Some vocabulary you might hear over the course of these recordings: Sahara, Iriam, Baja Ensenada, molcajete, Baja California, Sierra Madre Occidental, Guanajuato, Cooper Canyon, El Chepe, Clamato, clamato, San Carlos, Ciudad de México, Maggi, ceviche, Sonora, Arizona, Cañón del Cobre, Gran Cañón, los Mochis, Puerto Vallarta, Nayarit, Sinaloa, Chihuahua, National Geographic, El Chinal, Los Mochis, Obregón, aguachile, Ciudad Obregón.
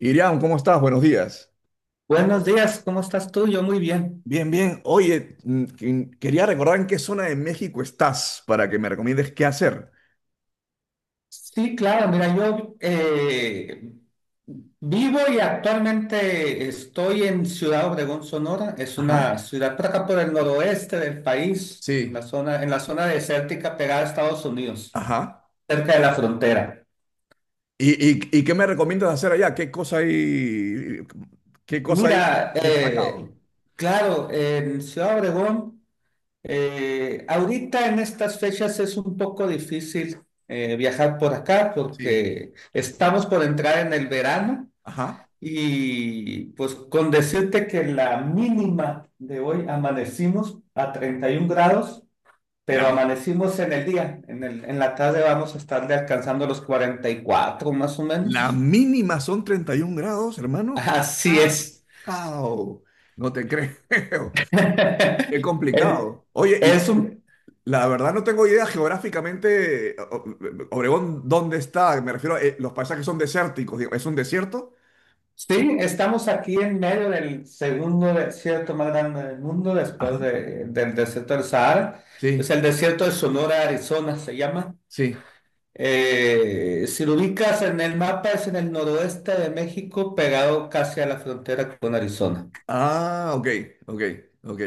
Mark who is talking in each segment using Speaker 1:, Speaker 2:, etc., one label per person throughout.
Speaker 1: Iriam, ¿cómo estás? Buenos días.
Speaker 2: Buenos días, ¿cómo estás tú? Yo muy bien.
Speaker 1: Bien, bien. Oye, quería recordar en qué zona de México estás para que me recomiendes qué hacer.
Speaker 2: Sí, claro, mira, yo vivo y actualmente estoy en Ciudad Obregón, Sonora. Es
Speaker 1: Ajá,
Speaker 2: una ciudad por acá por el noroeste del país, en
Speaker 1: sí,
Speaker 2: en la zona desértica pegada a Estados Unidos,
Speaker 1: ajá.
Speaker 2: cerca de la frontera.
Speaker 1: ¿Y qué me recomiendas hacer allá? Qué cosa hay
Speaker 2: Mira,
Speaker 1: destacado?
Speaker 2: claro, en Ciudad Obregón. Ahorita en estas fechas es un poco difícil viajar por acá
Speaker 1: Sí,
Speaker 2: porque estamos por entrar en el verano
Speaker 1: ajá.
Speaker 2: y pues con decirte que la mínima de hoy amanecimos a 31 grados, pero
Speaker 1: La,
Speaker 2: amanecimos en el día, en la tarde vamos a estarle alcanzando los 44 más o menos.
Speaker 1: la mínima son 31 grados, hermano.
Speaker 2: Así es.
Speaker 1: ¡Wow! No te creo. Qué
Speaker 2: El-
Speaker 1: complicado. Oye,
Speaker 2: Es un,
Speaker 1: la verdad no tengo idea geográficamente, Obregón, ¿dónde está? Me refiero a los paisajes son desérticos, digo, ¿es un desierto?
Speaker 2: Sí, estamos aquí en medio del segundo desierto más grande del mundo,
Speaker 1: Ajá.
Speaker 2: del desierto del Sahara. Es
Speaker 1: Sí,
Speaker 2: el desierto de Sonora, Arizona, se llama.
Speaker 1: sí.
Speaker 2: Si lo ubicas en el mapa, es en el noroeste de México, pegado casi a la frontera con Arizona.
Speaker 1: Ah, ok, ok, ok.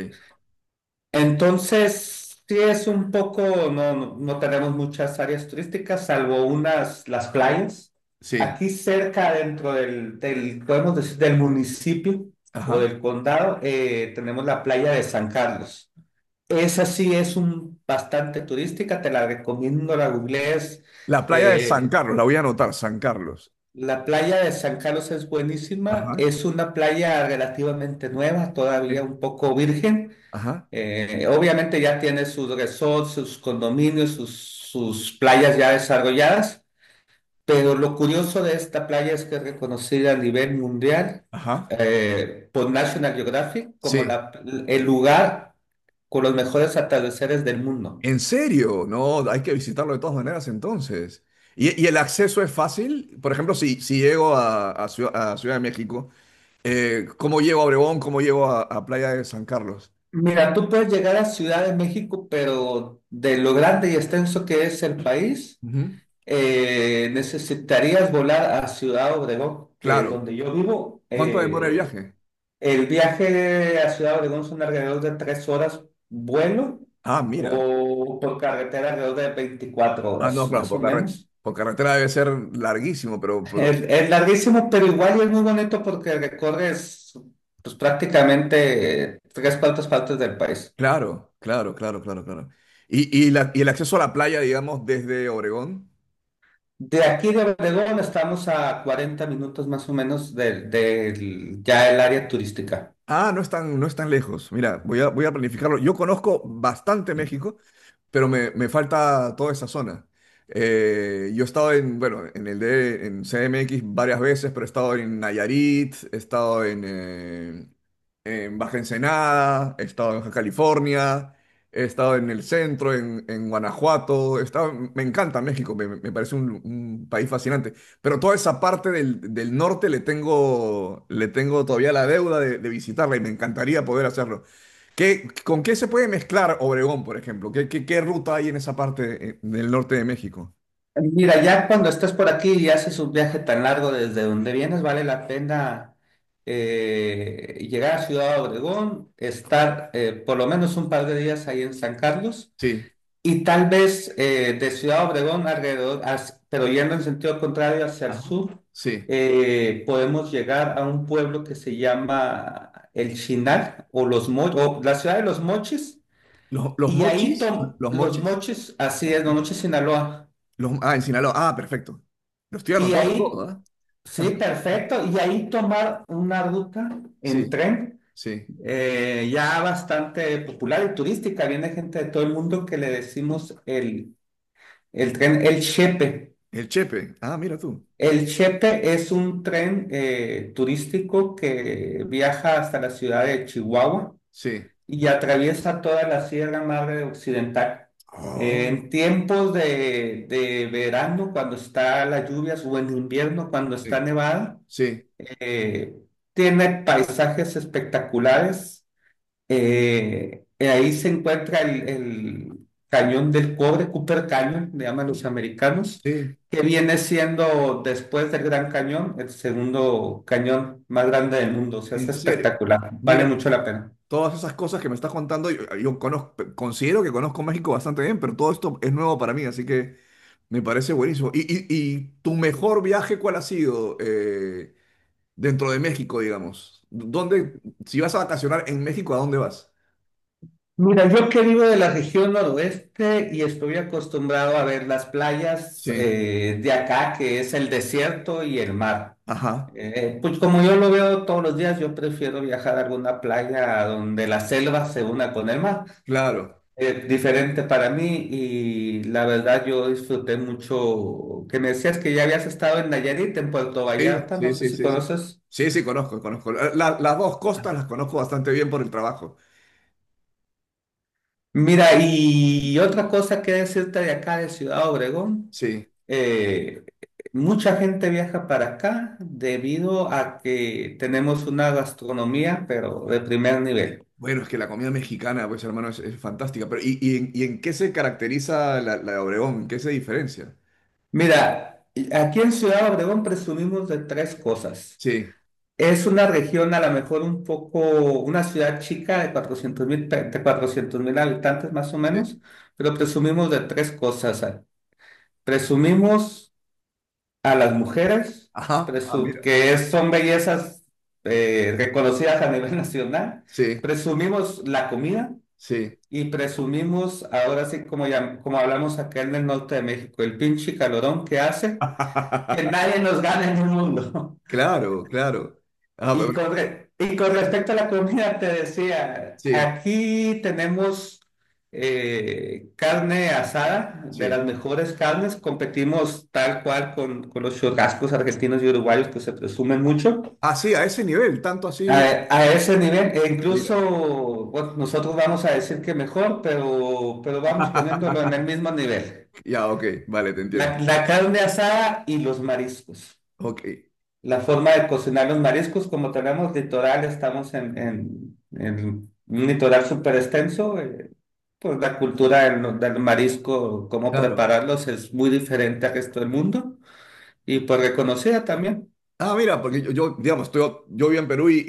Speaker 2: Entonces, sí es un no, no tenemos muchas áreas turísticas, salvo unas, las playas.
Speaker 1: Sí,
Speaker 2: Aquí cerca, dentro del, podemos decir, del municipio o
Speaker 1: ajá.
Speaker 2: del condado, tenemos la playa de San Carlos. Esa sí es un, bastante turística, te la recomiendo, la googlees.
Speaker 1: La playa de San
Speaker 2: Eh,
Speaker 1: Carlos, la voy a anotar, San Carlos.
Speaker 2: la playa de San Carlos es buenísima,
Speaker 1: Ajá,
Speaker 2: es una playa relativamente nueva, todavía
Speaker 1: sí,
Speaker 2: un poco virgen.
Speaker 1: ajá,
Speaker 2: Obviamente ya tiene sus resorts, sus condominios, sus playas ya desarrolladas, pero lo curioso de esta playa es que es reconocida a nivel mundial
Speaker 1: ajá.
Speaker 2: por National Geographic
Speaker 1: Sí.
Speaker 2: el lugar con los mejores atardeceres del mundo.
Speaker 1: ¿En serio? No, hay que visitarlo de todas maneras entonces. Y el acceso es fácil? Por ejemplo, si llego a, a Ciudad de México. ¿Cómo llego a Obregón? ¿Cómo llego a Playa de San Carlos?
Speaker 2: Mira, tú puedes llegar a Ciudad de México, pero de lo grande y extenso que es el país,
Speaker 1: Ujú.
Speaker 2: necesitarías volar a Ciudad Obregón, que es
Speaker 1: Claro.
Speaker 2: donde yo vivo.
Speaker 1: ¿Cuánto demora el viaje?
Speaker 2: El viaje a Ciudad Obregón son alrededor de 3 horas vuelo
Speaker 1: Ah, mira.
Speaker 2: o por carretera alrededor de 24
Speaker 1: Ah, no,
Speaker 2: horas,
Speaker 1: claro,
Speaker 2: más o
Speaker 1: por carretera.
Speaker 2: menos.
Speaker 1: Por carretera debe ser larguísimo, pero
Speaker 2: Es larguísimo, pero igual es muy bonito porque recorres pues, prácticamente tres cuartas partes del país.
Speaker 1: claro, claro, claro, claro, claro. ¿Y el acceso a la playa, digamos, desde Obregón?
Speaker 2: De aquí de Obregón estamos a 40 minutos más o menos ya el área turística.
Speaker 1: Ah, no es tan, no es tan lejos. Mira, voy a planificarlo. Yo conozco bastante México, pero me falta toda esa zona. Yo he estado en, bueno, en CMX varias veces, pero he estado en Nayarit, he estado en Baja Ensenada, he estado en Baja California, he estado en el centro, en Guanajuato. Me encanta México, me parece un país fascinante. Pero toda esa parte del, del norte le tengo todavía la deuda de visitarla y me encantaría poder hacerlo. ¿Qué, con qué se puede mezclar Obregón, por ejemplo? ¿Qué, qué, qué ruta hay en esa parte del norte de México?
Speaker 2: Mira, ya cuando estás por aquí y haces un viaje tan largo desde donde vienes, vale la pena llegar a Ciudad Obregón, estar por lo menos un par de días ahí en San Carlos
Speaker 1: Sí,
Speaker 2: y tal vez de Ciudad Obregón alrededor, pero yendo en sentido contrario hacia el
Speaker 1: ajá,
Speaker 2: sur,
Speaker 1: sí.
Speaker 2: podemos llegar a un pueblo que se llama El Chinal o, o la ciudad de los Mochis
Speaker 1: Los
Speaker 2: y
Speaker 1: mochis? ¿Los
Speaker 2: los
Speaker 1: mochis?
Speaker 2: Mochis, así es, los Mochis Sinaloa.
Speaker 1: Los, ah, en Sinaloa. Ah, perfecto. Lo estoy
Speaker 2: Y
Speaker 1: anotando
Speaker 2: ahí
Speaker 1: todo, ¿ah?
Speaker 2: sí, perfecto. Y ahí tomar una ruta en
Speaker 1: Sí,
Speaker 2: tren
Speaker 1: sí.
Speaker 2: ya bastante popular y turística. Viene gente de todo el mundo que le decimos el tren El Chepe.
Speaker 1: El Chepe. Ah, mira tú.
Speaker 2: El Chepe es un tren turístico que viaja hasta la ciudad de Chihuahua
Speaker 1: Sí.
Speaker 2: y atraviesa toda la Sierra Madre Occidental.
Speaker 1: Oh,
Speaker 2: En tiempos de verano, cuando está las lluvias, o en invierno, cuando
Speaker 1: sí,
Speaker 2: está nevada
Speaker 1: sí,
Speaker 2: eh, tiene paisajes espectaculares. Y ahí se encuentra el Cañón del Cobre, Cooper Canyon, le llaman los americanos,
Speaker 1: sí.
Speaker 2: que viene siendo después del Gran Cañón, el segundo cañón más grande del mundo. O sea, es
Speaker 1: En serio,
Speaker 2: espectacular, vale mucho la pena.
Speaker 1: todas esas cosas que me estás contando, yo conozco, considero que conozco México bastante bien, pero todo esto es nuevo para mí, así que me parece buenísimo. ¿Y tu mejor viaje cuál ha sido dentro de México, digamos? ¿Dónde, si vas a vacacionar en México, ¿a dónde vas?
Speaker 2: Mira, yo que vivo de la región noroeste y estoy acostumbrado a ver las playas
Speaker 1: Sí,
Speaker 2: de acá, que es el desierto y el mar.
Speaker 1: ajá,
Speaker 2: Pues como yo lo veo todos los días, yo prefiero viajar a alguna playa donde la selva se una con el mar.
Speaker 1: claro.
Speaker 2: Es diferente para mí y la verdad yo disfruté mucho que me decías que ya habías estado en Nayarit, en Puerto
Speaker 1: Sí,
Speaker 2: Vallarta, no
Speaker 1: sí,
Speaker 2: sé
Speaker 1: sí,
Speaker 2: si
Speaker 1: sí, sí.
Speaker 2: conoces.
Speaker 1: Sí, sí, conozco, conozco. Las dos costas las conozco bastante bien por el trabajo.
Speaker 2: Mira, y otra cosa que decirte de acá, de Ciudad Obregón,
Speaker 1: Sí.
Speaker 2: eh, mucha gente viaja para acá debido a que tenemos una gastronomía, pero de primer nivel.
Speaker 1: Bueno, es que la comida mexicana, pues hermano, es fantástica. Pero, ¿y en qué se caracteriza la, la de Obregón? ¿En qué se diferencia?
Speaker 2: Mira, aquí en Ciudad Obregón presumimos de tres cosas.
Speaker 1: Sí,
Speaker 2: Es una región a lo mejor un una ciudad chica de 400 mil, de 400 mil habitantes más o menos,
Speaker 1: sí.
Speaker 2: pero presumimos de tres cosas. Ah. Presumimos a las mujeres,
Speaker 1: Ajá, ah, mira.
Speaker 2: son bellezas reconocidas a nivel nacional.
Speaker 1: Sí,
Speaker 2: Presumimos la comida
Speaker 1: sí.
Speaker 2: y presumimos, ahora sí, como, ya, como hablamos acá en el norte de México, el pinche calorón que hace que nadie nos gane en el mundo.
Speaker 1: Claro, claro. Ah, pero
Speaker 2: Y
Speaker 1: bueno,
Speaker 2: y con respecto a la comida, te decía,
Speaker 1: sí,
Speaker 2: aquí tenemos carne asada, de
Speaker 1: sí.
Speaker 2: las mejores carnes, competimos tal cual con los churrascos argentinos y uruguayos que se presumen mucho.
Speaker 1: Ah, sí, a ese nivel, tanto
Speaker 2: A,
Speaker 1: así.
Speaker 2: a ese nivel, e incluso
Speaker 1: Mira.
Speaker 2: bueno, nosotros vamos a decir que mejor, pero vamos poniéndolo en el mismo nivel.
Speaker 1: Ya, ok, vale, te entiendo.
Speaker 2: La carne asada y los mariscos.
Speaker 1: Ok,
Speaker 2: La forma de cocinar los mariscos, como tenemos litoral, estamos en un litoral súper extenso, pues la cultura del, no- del marisco, cómo
Speaker 1: claro.
Speaker 2: prepararlos es muy diferente al resto del mundo y pues reconocida también.
Speaker 1: Ah, mira, porque yo, digamos, estoy, yo vivo en Perú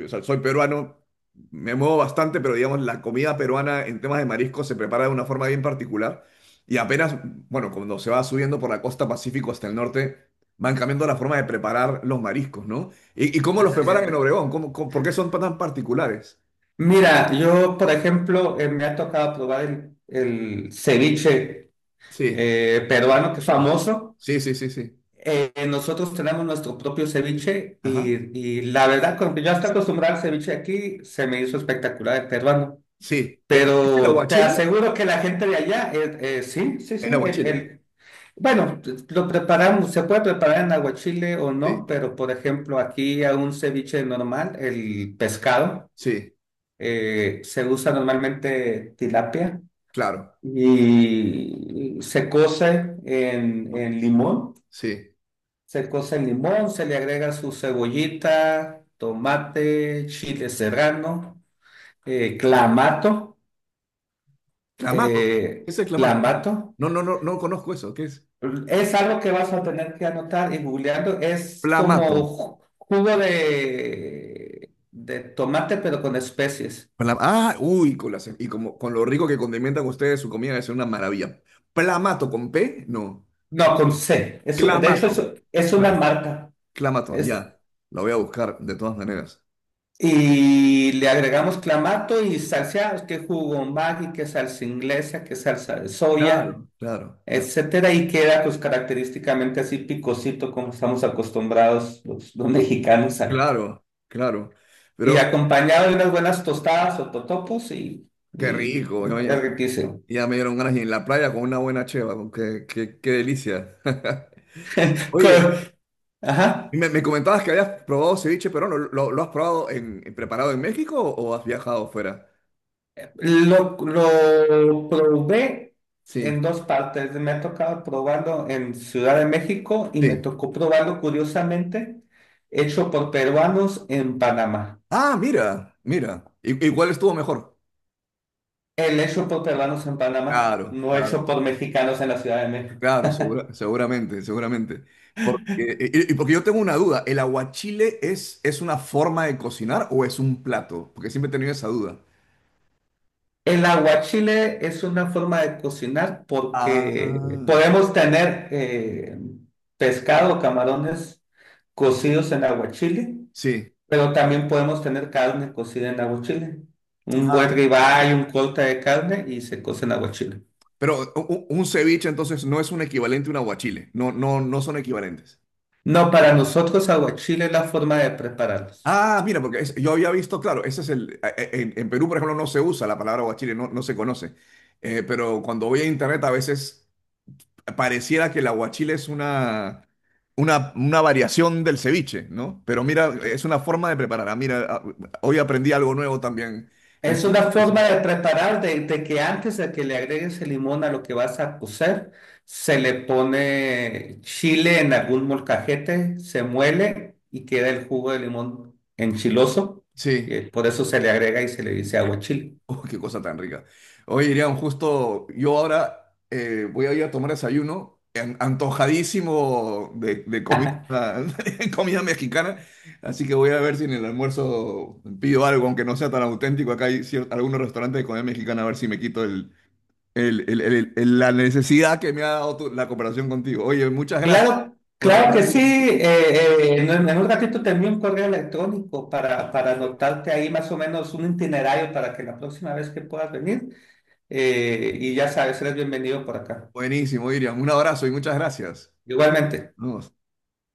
Speaker 1: y, o sea, soy peruano, me muevo bastante, pero digamos, la comida peruana en temas de mariscos se prepara de una forma bien particular. Y apenas, bueno, cuando se va subiendo por la costa Pacífico hasta el norte, van cambiando la forma de preparar los mariscos, ¿no? ¿Y cómo los así
Speaker 2: Así
Speaker 1: preparan en
Speaker 2: es.
Speaker 1: es. Obregón? ¿Cómo, por qué son tan particulares?
Speaker 2: Mira, yo, por ejemplo, me ha tocado probar el ceviche
Speaker 1: Sí.
Speaker 2: peruano, que es
Speaker 1: Ajá.
Speaker 2: famoso.
Speaker 1: Sí, sí, sí, sí.
Speaker 2: Nosotros tenemos nuestro propio ceviche
Speaker 1: Ajá.
Speaker 2: y la verdad, como que yo hasta acostumbrado al ceviche de aquí, se me hizo espectacular el peruano.
Speaker 1: Sí. ¿Es el
Speaker 2: Pero te
Speaker 1: aguachile?
Speaker 2: aseguro que la gente de allá, sí, sí,
Speaker 1: El
Speaker 2: sí.
Speaker 1: aguachile.
Speaker 2: Bueno, lo preparamos, se puede preparar en aguachile o
Speaker 1: Sí,
Speaker 2: no, pero por ejemplo, aquí a un ceviche normal, el pescado,
Speaker 1: sí,
Speaker 2: se usa normalmente tilapia
Speaker 1: claro.
Speaker 2: y se cose en limón.
Speaker 1: Sí.
Speaker 2: Se cose el limón, se le agrega su cebollita, tomate, chile serrano, clamato,
Speaker 1: Clamato. ¿Qué es el clamato?
Speaker 2: clamato.
Speaker 1: No, no, no, no conozco eso. ¿Qué es?
Speaker 2: Es algo que vas a tener que anotar y googleando. Es como
Speaker 1: Plamato.
Speaker 2: jugo de tomate, pero con especies.
Speaker 1: Ah, uy, y como, con lo rico que condimentan ustedes su comida, es una maravilla. Plamato con P, no.
Speaker 2: No, con C. Es de hecho,
Speaker 1: Clamato.
Speaker 2: es
Speaker 1: Cla-
Speaker 2: una marca.
Speaker 1: Clamato,
Speaker 2: Es,
Speaker 1: ya. Lo voy a buscar de todas maneras.
Speaker 2: y le agregamos clamato y salsa, que jugo Maggi, que salsa inglesa, que salsa de soya.
Speaker 1: Claro, claro, claro.
Speaker 2: Etcétera, y queda pues característicamente así picosito como estamos acostumbrados los mexicanos a-
Speaker 1: Claro, claro.
Speaker 2: Y
Speaker 1: Pero
Speaker 2: acompañado de unas buenas tostadas o totopos
Speaker 1: qué
Speaker 2: y
Speaker 1: rico.
Speaker 2: es riquísimo.
Speaker 1: Ya me dieron ganas y en la playa con una buena cheva. Con Qué, qué, qué delicia.
Speaker 2: Co-
Speaker 1: Oye. Y
Speaker 2: Ajá.
Speaker 1: me comentabas que habías probado ceviche peruano. ¿Lo has probado preparado en México o has viajado fuera?
Speaker 2: Lo probé en
Speaker 1: Sí,
Speaker 2: dos partes. Me ha tocado probarlo en Ciudad de México y me
Speaker 1: sí.
Speaker 2: tocó probarlo curiosamente hecho por peruanos en Panamá.
Speaker 1: Ah, mira, mira. ¿Y cuál estuvo mejor?
Speaker 2: El hecho por peruanos en Panamá,
Speaker 1: Claro,
Speaker 2: no hecho
Speaker 1: claro,
Speaker 2: por mexicanos en la Ciudad de México.
Speaker 1: claro, seguramente, seguramente. Porque, y porque yo tengo una duda, ¿el aguachile es una forma de cocinar o es un plato? Porque siempre he tenido esa duda.
Speaker 2: El aguachile es una forma de cocinar
Speaker 1: Ah,
Speaker 2: porque podemos tener pescado, camarones cocidos en aguachile,
Speaker 1: sí.
Speaker 2: pero también podemos tener carne cocida en aguachile. Un
Speaker 1: Ah,
Speaker 2: buen ribeye, un corte de carne y se cose en aguachile.
Speaker 1: pero un, ceviche entonces no es un equivalente a un aguachile, no, no, no son equivalentes.
Speaker 2: No, para nosotros aguachile es la forma de prepararlos.
Speaker 1: Ah, mira, porque yo había visto, claro, ese es el, en Perú, por ejemplo, no se usa la palabra guachile, no, no se conoce. Pero cuando voy a internet a veces pareciera que el aguachile es una variación del ceviche, ¿no? Pero mira, es una forma de preparar. Ah, mira, ah, hoy aprendí algo nuevo también en
Speaker 2: Es
Speaker 1: esta
Speaker 2: una forma
Speaker 1: conversación.
Speaker 2: de preparar, de que antes de que le agregues el limón a lo que vas a cocer, se le pone chile en algún molcajete, se muele y queda el jugo de limón enchiloso.
Speaker 1: Sí.
Speaker 2: Y por eso se le agrega y se le dice aguachile.
Speaker 1: Oh, qué cosa tan rica. Oye, Irian, justo yo ahora voy a ir a tomar desayuno, antojadísimo de comida, comida mexicana, así que voy a ver si en el almuerzo pido algo, aunque no sea tan auténtico. Acá hay algunos restaurantes de comida mexicana, a ver si me quito la necesidad que me ha dado la cooperación contigo. Oye, muchas gracias
Speaker 2: Claro,
Speaker 1: por
Speaker 2: claro que
Speaker 1: hablar,
Speaker 2: sí.
Speaker 1: Irian.
Speaker 2: En un ratito te envío un correo electrónico para anotarte ahí más o menos un itinerario para que la próxima vez que puedas venir, y ya sabes, eres bienvenido por acá.
Speaker 1: Buenísimo, Irian. Un abrazo y muchas gracias.
Speaker 2: Igualmente.
Speaker 1: No,